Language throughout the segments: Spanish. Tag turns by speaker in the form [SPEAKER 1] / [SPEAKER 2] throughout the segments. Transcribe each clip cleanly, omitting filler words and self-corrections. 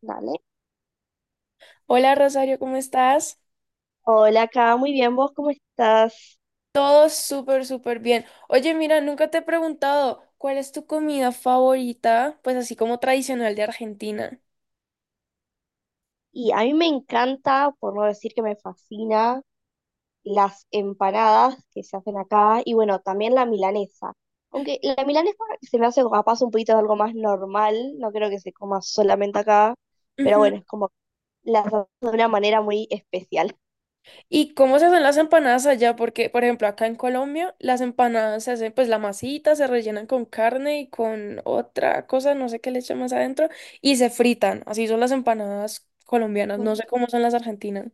[SPEAKER 1] Dale.
[SPEAKER 2] Hola Rosario, ¿cómo estás?
[SPEAKER 1] Hola, acá, muy bien, ¿vos cómo estás?
[SPEAKER 2] Todo súper, súper bien. Oye, mira, nunca te he preguntado cuál es tu comida favorita, pues así como tradicional de Argentina.
[SPEAKER 1] Y a mí me encanta, por no decir que me fascina, las empanadas que se hacen acá y bueno, también la milanesa. Aunque la milanesa se me hace capaz un poquito de algo más normal, no creo que se coma solamente acá, pero
[SPEAKER 2] Ujú.
[SPEAKER 1] bueno, es como la hacemos de una manera muy especial.
[SPEAKER 2] ¿Y cómo se hacen las empanadas allá? Porque, por ejemplo, acá en Colombia, las empanadas se hacen, pues la masita se rellenan con carne y con otra cosa, no sé qué le echan más adentro, y se fritan. Así son las empanadas colombianas, no sé cómo son las argentinas.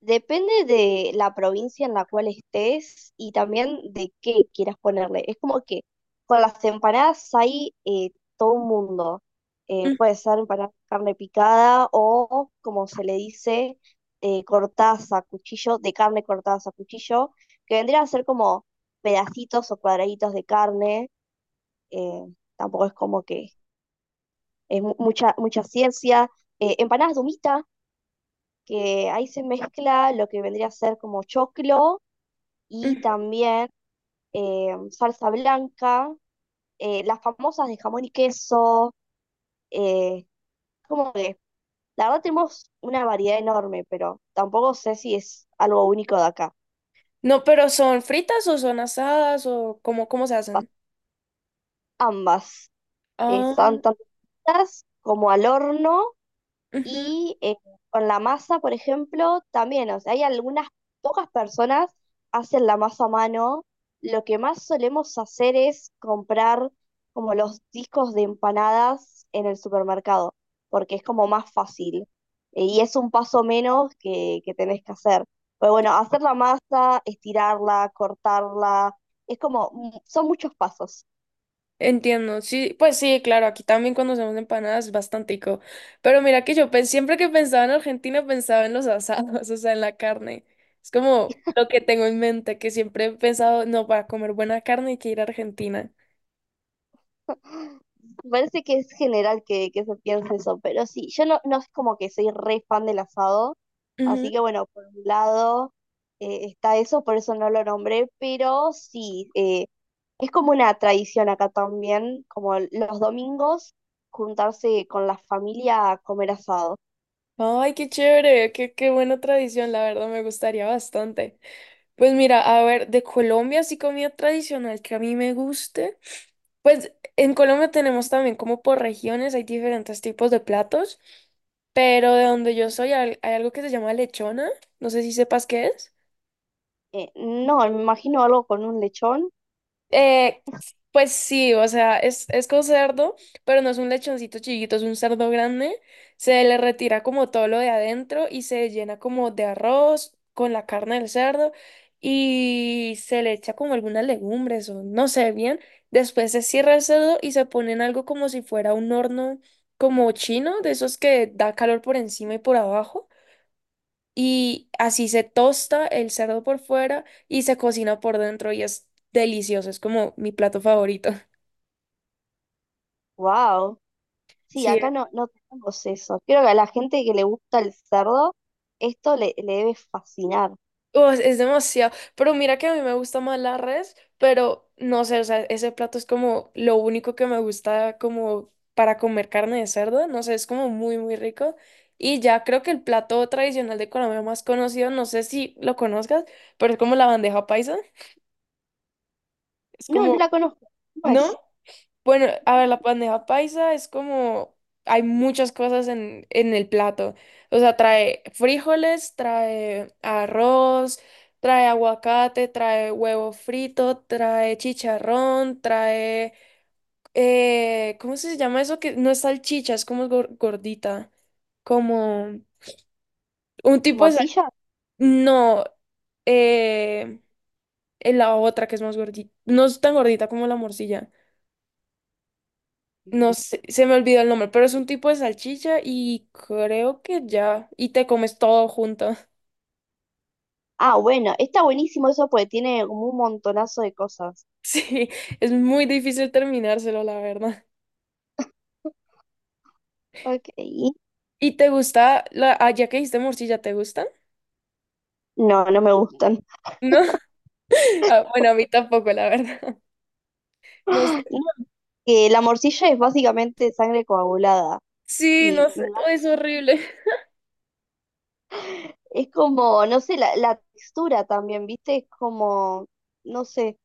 [SPEAKER 1] Depende de la provincia en la cual estés y también de qué quieras ponerle. Es como que con las empanadas hay todo un mundo.
[SPEAKER 2] Mm,
[SPEAKER 1] Puede ser empanada de carne picada o, como se le dice, cortaza, cuchillo, de carne cortaza, cuchillo, que vendrían a ser como pedacitos o cuadraditos de carne. eh, Tampoco es como que es mucha, mucha ciencia. Empanadas de humita, que ahí se mezcla lo que vendría a ser como choclo y
[SPEAKER 2] ujú.
[SPEAKER 1] también salsa blanca, las famosas de jamón y queso, eh, como que la verdad tenemos una variedad enorme, pero tampoco sé si es algo único de acá.
[SPEAKER 2] No, pero ¿son fritas o son asadas o cómo, cómo se
[SPEAKER 1] Pas-
[SPEAKER 2] hacen?
[SPEAKER 1] Ambas
[SPEAKER 2] Ah,
[SPEAKER 1] están tanto fritas como al horno.
[SPEAKER 2] ujú.
[SPEAKER 1] Y con la masa, por ejemplo, también, o sea, hay algunas pocas personas hacen la masa a mano. Lo que más solemos hacer es comprar como los discos de empanadas en el supermercado, porque es como más fácil. Y es un paso menos que tenés que hacer. Pero bueno, hacer la masa, estirarla, cortarla, es como, son muchos pasos.
[SPEAKER 2] Entiendo, sí, pues sí, claro, aquí también cuando hacemos empanadas es bastantico. Pero mira que siempre que pensaba en Argentina pensaba en los asados, o sea, en la carne. Es como lo que tengo en mente, que siempre he pensado, no, para comer buena carne hay que ir a Argentina.
[SPEAKER 1] Me parece que es general que se piense eso, pero sí, yo no, no es como que soy re fan del asado,
[SPEAKER 2] Ujú.
[SPEAKER 1] así que bueno, por un lado está eso, por eso no lo nombré, pero sí, es como una tradición acá también, como los domingos juntarse con la familia a comer asado.
[SPEAKER 2] Ay, qué chévere, qué, qué buena tradición, la verdad me gustaría bastante. Pues mira, a ver, de Colombia, así comida tradicional que a mí me guste. Pues en Colombia tenemos también como por regiones, hay diferentes tipos de platos, pero de donde yo soy hay, hay algo que se llama lechona, no sé si sepas qué es.
[SPEAKER 1] No, me imagino algo con un lechón,
[SPEAKER 2] Eh, pues sí, o sea, es con cerdo, pero no es un lechoncito chiquito, es un cerdo grande. Se le retira como todo lo de adentro y se llena como de arroz con la carne del cerdo y se le echa como algunas legumbres o no sé bien. Después se cierra el cerdo y se pone en algo como si fuera un horno como chino, de esos que da calor por encima y por abajo y así se tosta el cerdo por fuera y se cocina por dentro y es delicioso, es como mi plato favorito.
[SPEAKER 1] wow. Sí,
[SPEAKER 2] Sí,
[SPEAKER 1] acá no, no tenemos eso. Creo que a la gente que le gusta el cerdo, le debe fascinar.
[SPEAKER 2] Oh, es demasiado, pero mira que a mí me gusta más la res, pero no sé, o sea, ese plato es como lo único que me gusta como para comer carne de cerdo, no sé, es como muy, muy rico. Y ya creo que el plato tradicional de Colombia más conocido, no sé si lo conozcas, pero es como la bandeja paisa, es
[SPEAKER 1] No, no
[SPEAKER 2] como,
[SPEAKER 1] la conozco, ¿cómo es?
[SPEAKER 2] ¿no? Bueno, a ver, la bandeja paisa es como, hay muchas cosas en el plato. O sea, trae frijoles, trae arroz, trae aguacate, trae huevo frito, trae chicharrón, trae, ¿cómo se llama eso? Que no es salchicha, es como gordita, como un tipo de
[SPEAKER 1] ¿Morcilla?
[SPEAKER 2] No, eh, en la otra que es más gordita, no es tan gordita como la morcilla.
[SPEAKER 1] Mm.
[SPEAKER 2] No sé, se me olvidó el nombre, pero es un tipo de salchicha y creo que ya. Y te comes todo junto.
[SPEAKER 1] Ah, bueno, está buenísimo eso porque tiene como un montonazo de cosas.
[SPEAKER 2] Sí, es muy difícil terminárselo, la verdad.
[SPEAKER 1] Ok.
[SPEAKER 2] ¿Y te gusta la, ah, ya que dijiste morcilla, ¿te gusta?
[SPEAKER 1] No, no me gustan.
[SPEAKER 2] No. Ah, bueno, a mí tampoco, la verdad. No sé.
[SPEAKER 1] No, que la morcilla es básicamente sangre coagulada.
[SPEAKER 2] Sí,
[SPEAKER 1] Y
[SPEAKER 2] no
[SPEAKER 1] me
[SPEAKER 2] sé,
[SPEAKER 1] da-
[SPEAKER 2] oh, es horrible.
[SPEAKER 1] es como, no sé, la textura también, ¿viste? Es como, no sé,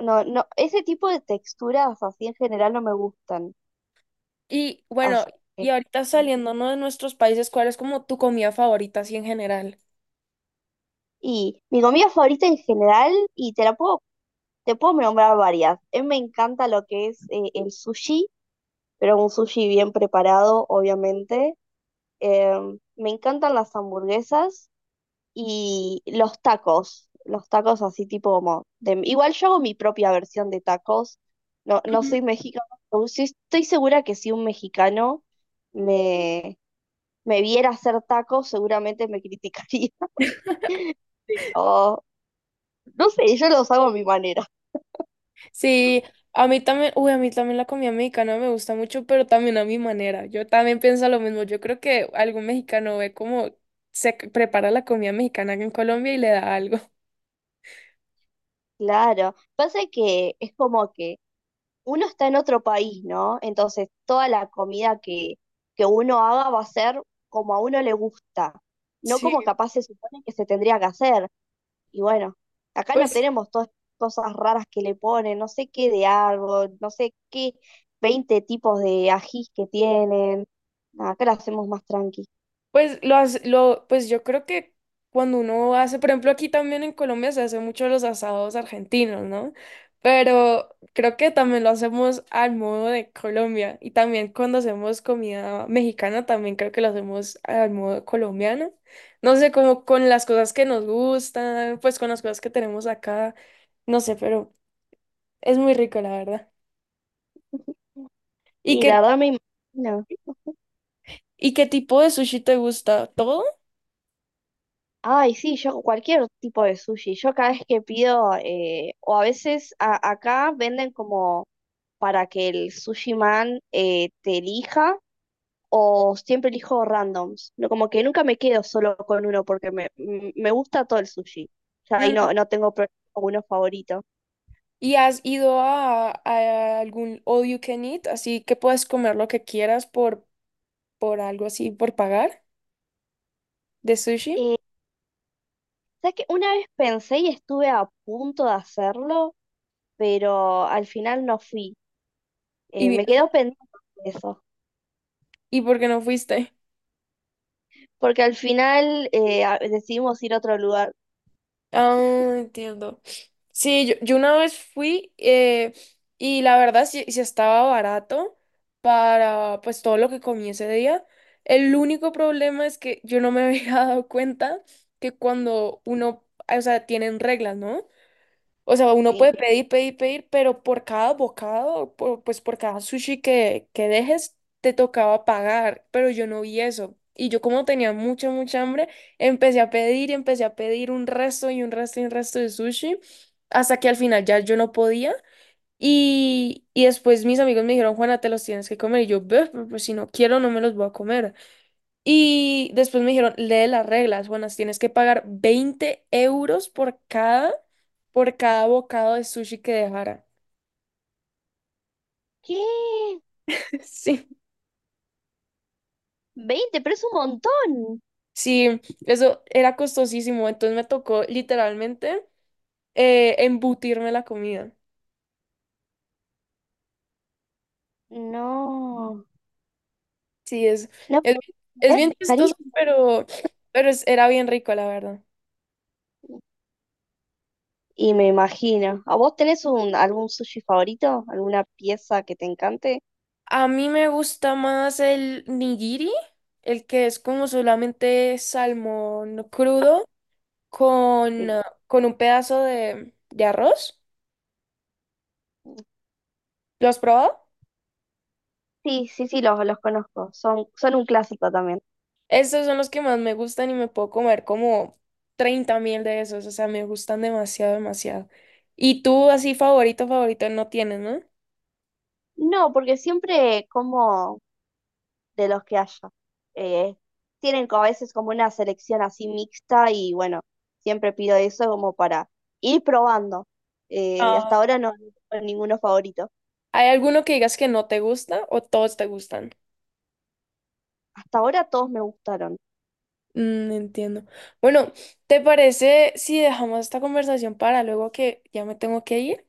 [SPEAKER 1] no, no, ese tipo de texturas así en general no me gustan.
[SPEAKER 2] Y bueno,
[SPEAKER 1] Así
[SPEAKER 2] y
[SPEAKER 1] que-
[SPEAKER 2] ahorita saliendo, ¿no? de nuestros países, ¿cuál es como tu comida favorita así en general?
[SPEAKER 1] y mi comida favorita en general, y te puedo nombrar varias. A mí me encanta lo que es el sushi, pero un sushi bien preparado, obviamente. Eh, me encantan las hamburguesas y los tacos así tipo como... igual yo hago mi propia versión de tacos, no, no soy mexicano, pero sí estoy segura que si un mexicano me, me viera hacer tacos, seguramente me criticaría. O no sé, yo los hago a mi manera.
[SPEAKER 2] Sí, a mí también, uy, a mí también la comida mexicana me gusta mucho, pero también a mi manera. Yo también pienso lo mismo. Yo creo que algún mexicano ve cómo prepara la comida mexicana en Colombia y le da algo.
[SPEAKER 1] Claro, pasa que es como que uno está en otro país, ¿no? Entonces, toda la comida que uno haga va a ser como a uno le gusta, no
[SPEAKER 2] Sí,
[SPEAKER 1] como capaz se supone que se tendría que hacer. Y bueno, acá no
[SPEAKER 2] pues
[SPEAKER 1] tenemos todas estas cosas raras que le ponen, no sé qué de árbol, no sé qué 20 tipos de ajís que tienen. Nada, acá lo hacemos más tranqui.
[SPEAKER 2] Pues yo creo que cuando uno hace, por ejemplo, aquí también en Colombia se hace mucho los asados argentinos, ¿no? Pero creo que también lo hacemos al modo de Colombia y también cuando hacemos comida mexicana también creo que lo hacemos al modo colombiano. No sé, como con las cosas que nos gustan, pues con las cosas que tenemos acá, no sé, pero es muy rico, la verdad. ¿Y
[SPEAKER 1] Y
[SPEAKER 2] qué
[SPEAKER 1] la verdad me imagino.
[SPEAKER 2] ¿Y qué tipo de sushi te gusta? ¿Todo?
[SPEAKER 1] Ay, sí, yo cualquier tipo de sushi. Yo cada vez que pido, o a veces acá venden como para que el sushi man te elija, o siempre elijo randoms. No, como que nunca me quedo solo con uno porque me gusta todo el sushi. Ya ahí no,
[SPEAKER 2] Mm,
[SPEAKER 1] no tengo uno favorito.
[SPEAKER 2] ¿Y has ido a algún all you can eat? Así que puedes comer lo que quieras por algo así, por pagar de sushi.
[SPEAKER 1] Eh, ¿Sabes qué? Una vez pensé y estuve a punto de hacerlo, pero al final no fui.
[SPEAKER 2] ¿Y, vi-
[SPEAKER 1] Me quedo pendiente de eso.
[SPEAKER 2] ¿Y por qué no fuiste?
[SPEAKER 1] Porque al final decidimos ir a otro lugar.
[SPEAKER 2] Ah, entiendo. Sí, yo una vez fui y la verdad sí, sí estaba barato para pues todo lo que comí ese día. El único problema es que yo no me había dado cuenta que cuando uno, o sea, tienen reglas, ¿no? O sea, uno
[SPEAKER 1] Sí.
[SPEAKER 2] puede pedir, pedir, pedir, pero por cada bocado, pues por cada sushi que dejes, te tocaba pagar, pero yo no vi eso. Y yo como tenía mucha, mucha hambre, empecé a pedir y empecé a pedir un resto y un resto y un resto de sushi, hasta que al final ya yo no podía. Y después mis amigos me dijeron, Juana, te los tienes que comer. Y yo, "Beh, pero pues si no quiero, no me los voy a comer". Y después me dijeron, lee las reglas, buenas, tienes que pagar 20 euros por cada bocado de sushi que dejara.
[SPEAKER 1] ¿Qué?
[SPEAKER 2] Sí.
[SPEAKER 1] 20 pero es un montón.
[SPEAKER 2] Sí, eso era costosísimo, entonces me tocó literalmente embutirme la comida.
[SPEAKER 1] No.
[SPEAKER 2] Sí,
[SPEAKER 1] No
[SPEAKER 2] es,
[SPEAKER 1] puedo
[SPEAKER 2] es
[SPEAKER 1] creer,
[SPEAKER 2] bien chistoso,
[SPEAKER 1] carísimo.
[SPEAKER 2] pero era bien rico, la verdad.
[SPEAKER 1] Y me imagino. ¿A vos tenés un, algún sushi favorito? ¿Alguna pieza que te encante?
[SPEAKER 2] A mí me gusta más el nigiri, el que es como solamente salmón crudo con,
[SPEAKER 1] Sí.
[SPEAKER 2] ah, con un pedazo de arroz. ¿Lo has probado?
[SPEAKER 1] Sí, sí, sí, los conozco. Son, son un clásico también.
[SPEAKER 2] Estos son los que más me gustan y me puedo comer como 30.000 de esos. O sea, me gustan demasiado, demasiado. Y tú así favorito, favorito no tienes, ¿no?
[SPEAKER 1] No, porque siempre como de los que haya. Eh, tienen como a veces como una selección así mixta y bueno, siempre pido eso como para ir probando. Hasta
[SPEAKER 2] Ah.
[SPEAKER 1] ahora no no tengo ninguno favorito.
[SPEAKER 2] ¿Hay alguno que digas que no te gusta o todos te gustan?
[SPEAKER 1] Hasta ahora todos me gustaron.
[SPEAKER 2] Mm, entiendo. Bueno, ¿te parece si dejamos esta conversación para luego que ya me tengo que ir?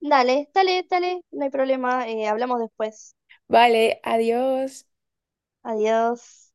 [SPEAKER 1] Dale, dale, dale, no hay problema, hablamos después.
[SPEAKER 2] Vale, adiós.
[SPEAKER 1] Adiós.